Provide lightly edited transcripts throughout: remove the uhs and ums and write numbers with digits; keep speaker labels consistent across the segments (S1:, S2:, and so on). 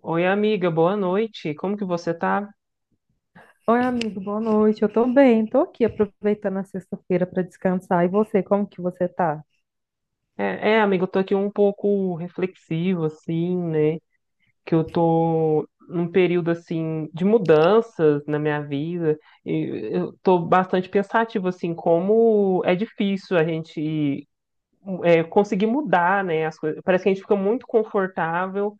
S1: Oi, amiga, boa noite. Como que você tá?
S2: Oi, amigo, boa noite. Eu tô bem, tô aqui aproveitando a sexta-feira para descansar. E você, como que você tá?
S1: Amiga, eu tô aqui um pouco reflexivo, assim, né? Que eu tô num período, assim, de mudanças na minha vida. E eu tô bastante pensativo, assim, como é difícil a gente conseguir mudar, né? As coisas. Parece que a gente fica muito confortável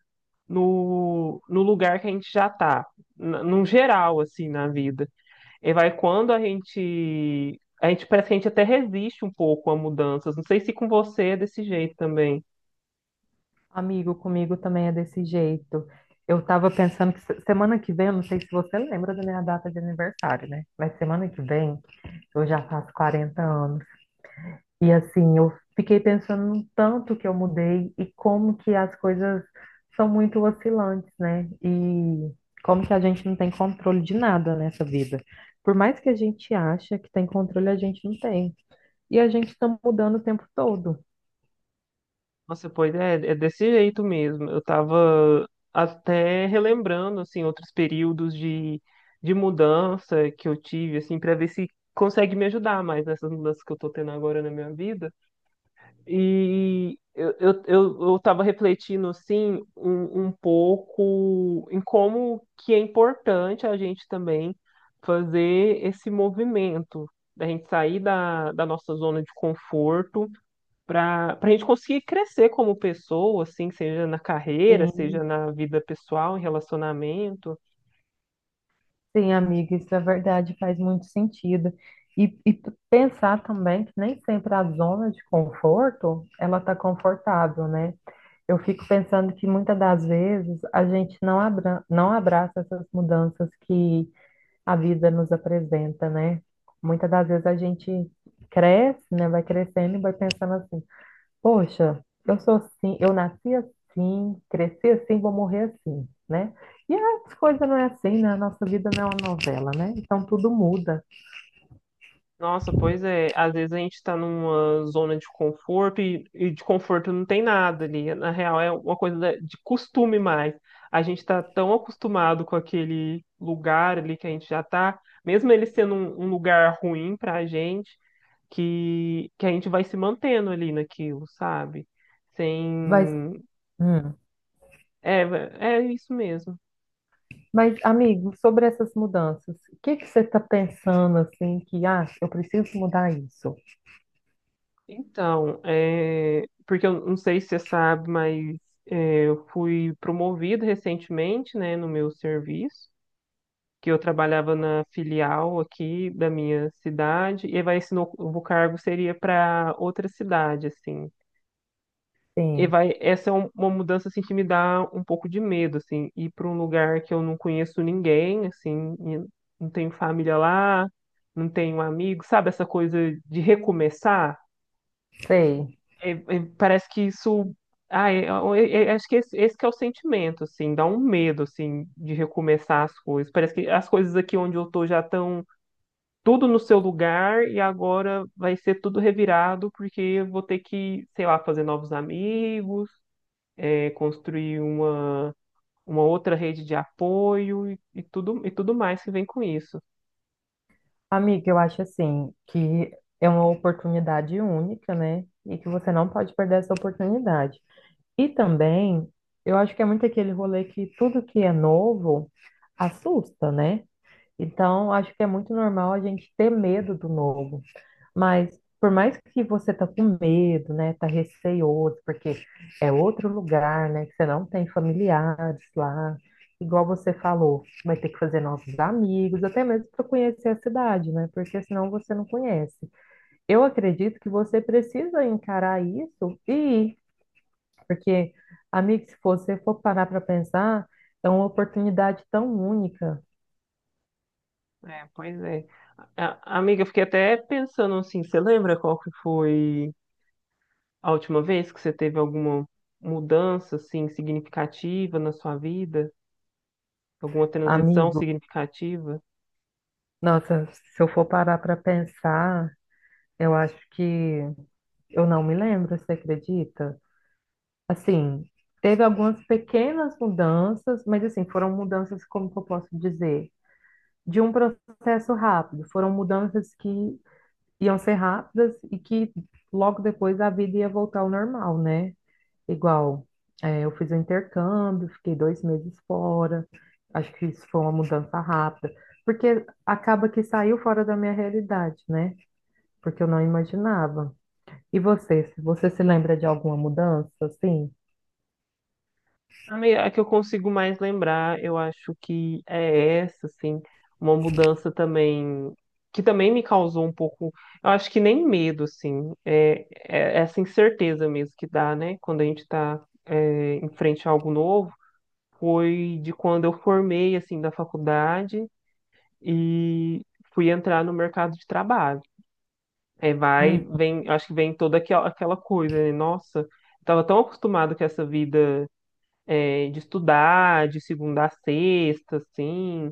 S1: no lugar que a gente já tá, num geral, assim, na vida. E vai quando a gente. A gente parece que a gente até resiste um pouco a mudanças. Não sei se com você é desse jeito também.
S2: Amigo, comigo também é desse jeito. Eu tava pensando que semana que vem, eu não sei se você lembra da minha data de aniversário, né? Mas semana que vem eu já faço 40 anos. E assim, eu fiquei pensando no tanto que eu mudei e como que as coisas são muito oscilantes, né? E como que a gente não tem controle de nada nessa vida. Por mais que a gente ache que tem controle, a gente não tem. E a gente está mudando o tempo todo.
S1: Nossa, pois é, é desse jeito mesmo. Eu tava até relembrando, assim, outros períodos de mudança que eu tive, assim, para ver se consegue me ajudar mais nessas mudanças que eu tô tendo agora na minha vida. E eu tava refletindo, assim, um pouco em como que é importante a gente também fazer esse movimento, da gente sair da nossa zona de conforto para a gente conseguir crescer como pessoa, assim, seja na carreira, seja
S2: Sim,
S1: na vida pessoal, em relacionamento.
S2: sim, amiga, isso é verdade, faz muito sentido. E, tu pensar também que nem sempre a zona de conforto, ela está confortável, né? Eu fico pensando que muitas das vezes a gente não abraça essas mudanças que a vida nos apresenta, né? Muitas das vezes a gente cresce, né? Vai crescendo e vai pensando assim: poxa, eu sou assim, eu nasci assim, cresci assim, vou morrer assim, né? E as coisas não é assim, né? A nossa vida não é uma novela, né? Então tudo muda.
S1: Nossa, pois é. Às vezes a gente está numa zona de conforto e de conforto não tem nada ali. Na real, é uma coisa de costume mais. A gente está tão acostumado com aquele lugar ali que a gente já está, mesmo ele sendo um lugar ruim para a gente, que a gente vai se mantendo ali naquilo, sabe?
S2: Mas,
S1: Sem.
S2: hum,
S1: É, é isso mesmo.
S2: mas amigo, sobre essas mudanças, o que que você está pensando assim que, ah, eu preciso mudar isso?
S1: Então, porque eu não sei se você sabe, mas eu fui promovida recentemente, né, no meu serviço, que eu trabalhava na filial aqui da minha cidade, e vai esse novo cargo seria para outra cidade, assim. E
S2: Sim,
S1: vai, essa é uma mudança assim que me dá um pouco de medo, assim, ir para um lugar que eu não conheço ninguém, assim, e não tenho família lá, não tenho amigo, sabe essa coisa de recomeçar?
S2: sei.
S1: É, é, parece que isso. Ah, é, acho que esse que é o sentimento, assim, dá um medo, assim, de recomeçar as coisas. Parece que as coisas aqui onde eu tô já estão tudo no seu lugar e agora vai ser tudo revirado porque eu vou ter que, sei lá, fazer novos amigos, construir uma outra rede de apoio e tudo mais que vem com isso.
S2: Amigo, eu acho assim que é uma oportunidade única, né? E que você não pode perder essa oportunidade. E também, eu acho que é muito aquele rolê que tudo que é novo assusta, né? Então, acho que é muito normal a gente ter medo do novo. Mas, por mais que você tá com medo, né? Tá receioso, porque é outro lugar, né? Que você não tem familiares lá. Igual você falou, vai ter que fazer novos amigos, até mesmo para conhecer a cidade, né? Porque senão você não conhece. Eu acredito que você precisa encarar isso e ir porque, amigo, se você for parar para pensar, é uma oportunidade tão única,
S1: É, pois é. A- amiga, eu fiquei até pensando assim, você lembra qual que foi a última vez que você teve alguma mudança assim significativa na sua vida, alguma transição
S2: amigo.
S1: significativa?
S2: Nossa, se eu for parar para pensar, eu acho que eu não me lembro, você acredita? Assim, teve algumas pequenas mudanças, mas assim, foram mudanças, como que eu posso dizer? De um processo rápido, foram mudanças que iam ser rápidas e que logo depois a vida ia voltar ao normal, né? Igual, é, eu fiz o intercâmbio, fiquei 2 meses fora. Acho que isso foi uma mudança rápida, porque acaba que saiu fora da minha realidade, né? Porque eu não imaginava. E você se lembra de alguma mudança, assim?
S1: A que eu consigo mais lembrar, eu acho que é essa, assim, uma mudança também que também me causou um pouco, eu acho que nem medo, assim, é essa incerteza mesmo que dá, né? Quando a gente está em frente a algo novo, foi de quando eu formei assim da faculdade e fui entrar no mercado de trabalho. É, vai,
S2: Hum.
S1: vem, acho que vem toda aquela coisa, né? Nossa, estava tão acostumado com essa vida de estudar, de segunda a sexta, assim,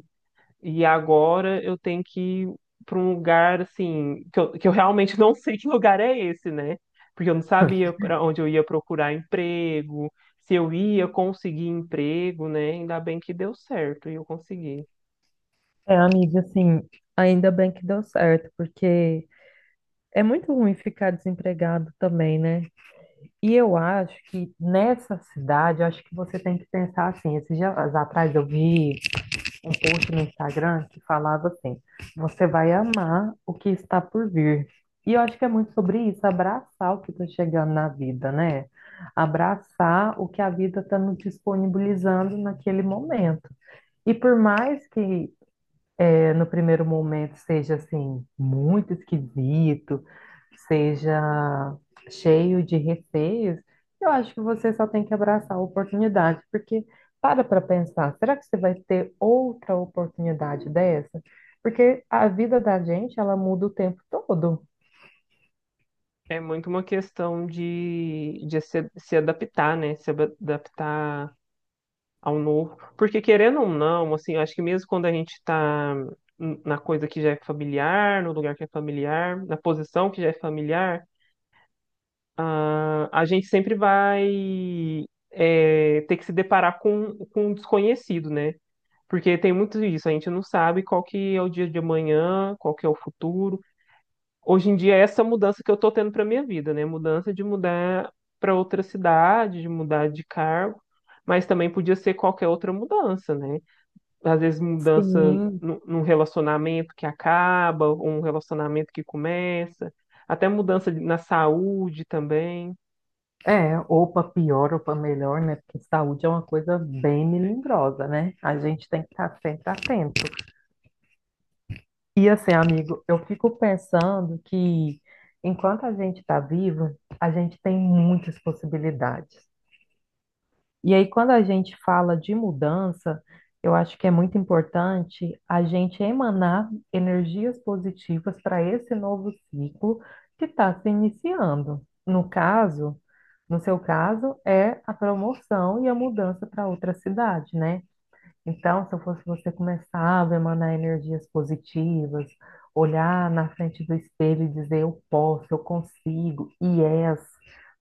S1: e agora eu tenho que ir para um lugar, assim, que eu realmente não sei que lugar é esse, né? Porque eu não sabia para onde eu ia procurar emprego, se eu ia conseguir emprego, né? Ainda bem que deu certo e eu consegui.
S2: É, amiga, assim, ainda bem que deu certo, porque é muito ruim ficar desempregado também, né? E eu acho que nessa cidade, eu acho que você tem que pensar assim. Esses dias atrás eu vi um post no Instagram que falava assim: você vai amar o que está por vir. E eu acho que é muito sobre isso, abraçar o que está chegando na vida, né? Abraçar o que a vida está nos disponibilizando naquele momento. E por mais que é, no primeiro momento seja assim muito esquisito, seja cheio de receios, eu acho que você só tem que abraçar a oportunidade, porque para pensar, será que você vai ter outra oportunidade dessa? Porque a vida da gente, ela muda o tempo todo.
S1: É muito uma questão de se adaptar, né? Se adaptar ao novo. Porque querendo ou não, assim, eu acho que mesmo quando a gente está na coisa que já é familiar, no lugar que é familiar, na posição que já é familiar, ah, a gente sempre vai ter que se deparar com um desconhecido, né? Porque tem muito disso, a gente não sabe qual que é o dia de amanhã, qual que é o futuro. Hoje em dia é essa mudança que eu tô tendo para minha vida, né? Mudança de mudar para outra cidade, de mudar de cargo, mas também podia ser qualquer outra mudança, né? Às vezes mudança
S2: Sim,
S1: num relacionamento que acaba, ou um relacionamento que começa, até mudança na saúde também.
S2: é, ou para pior ou para melhor, né? Porque saúde é uma coisa bem melindrosa, né? A gente tem que estar sempre atento. E assim, amigo, eu fico pensando que enquanto a gente está vivo, a gente tem muitas possibilidades. E aí, quando a gente fala de mudança, eu acho que é muito importante a gente emanar energias positivas para esse novo ciclo que está se iniciando. No caso, no seu caso, é a promoção e a mudança para outra cidade, né? Então, se eu fosse você, começava a emanar energias positivas, olhar na frente do espelho e dizer eu posso, eu consigo, yes,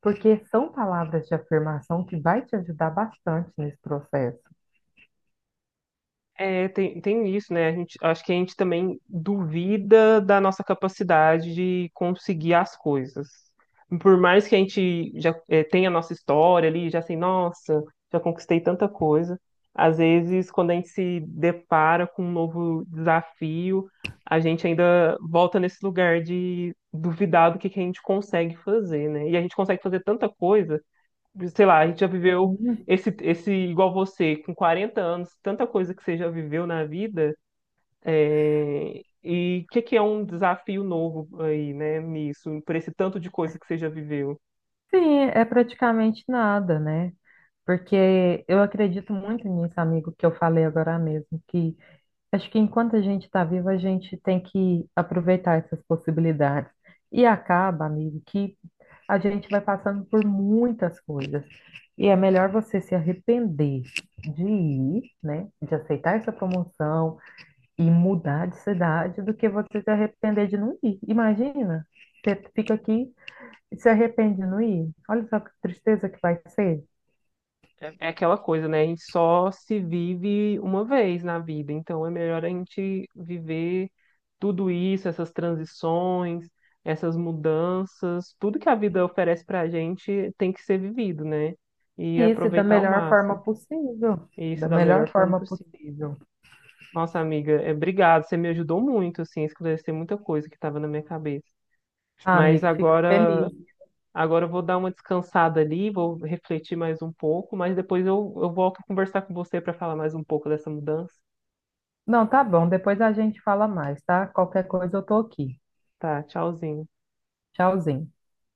S2: porque são palavras de afirmação que vai te ajudar bastante nesse processo.
S1: É, tem isso, né? A gente, acho que a gente também duvida da nossa capacidade de conseguir as coisas. Por mais que a gente já tenha a nossa história ali, já sei, nossa, já conquistei tanta coisa. Às vezes, quando a gente se depara com um novo desafio, a gente ainda volta nesse lugar de duvidar do que a gente consegue fazer, né? E a gente consegue fazer tanta coisa sei lá, a gente já viveu
S2: Sim,
S1: esse igual você, com 40 anos, tanta coisa que você já viveu na vida, e o que é um desafio novo aí, né, nisso, por esse tanto de coisa que você já viveu?
S2: sim, é praticamente nada, né? Porque eu acredito muito nisso, amigo, que eu falei agora mesmo, que acho que enquanto a gente está vivo, a gente tem que aproveitar essas possibilidades. E acaba, amigo, que a gente vai passando por muitas coisas. E é melhor você se arrepender de ir, né, de aceitar essa promoção e mudar de cidade do que você se arrepender de não ir. Imagina, você fica aqui e se arrepende de não ir. Olha só que tristeza que vai ser.
S1: É, é aquela coisa, né, a gente só se vive uma vez na vida, então é melhor a gente viver tudo isso, essas transições, essas mudanças, tudo que a vida oferece pra gente tem que ser vivido, né? E
S2: E isso da
S1: aproveitar ao
S2: melhor
S1: máximo.
S2: forma possível,
S1: Isso
S2: da
S1: da melhor
S2: melhor
S1: forma
S2: forma
S1: possível.
S2: possível.
S1: Nossa, amiga, obrigado. Você me ajudou muito, assim, a esclarecer muita coisa que estava na minha cabeça.
S2: Ah,
S1: Mas
S2: amigo, fico
S1: agora,
S2: feliz.
S1: agora eu vou dar uma descansada ali, vou refletir mais um pouco, mas depois eu volto a conversar com você para falar mais um pouco dessa mudança.
S2: Não, tá bom. Depois a gente fala mais, tá? Qualquer coisa eu tô aqui.
S1: Tá, tchauzinho.
S2: Tchauzinho.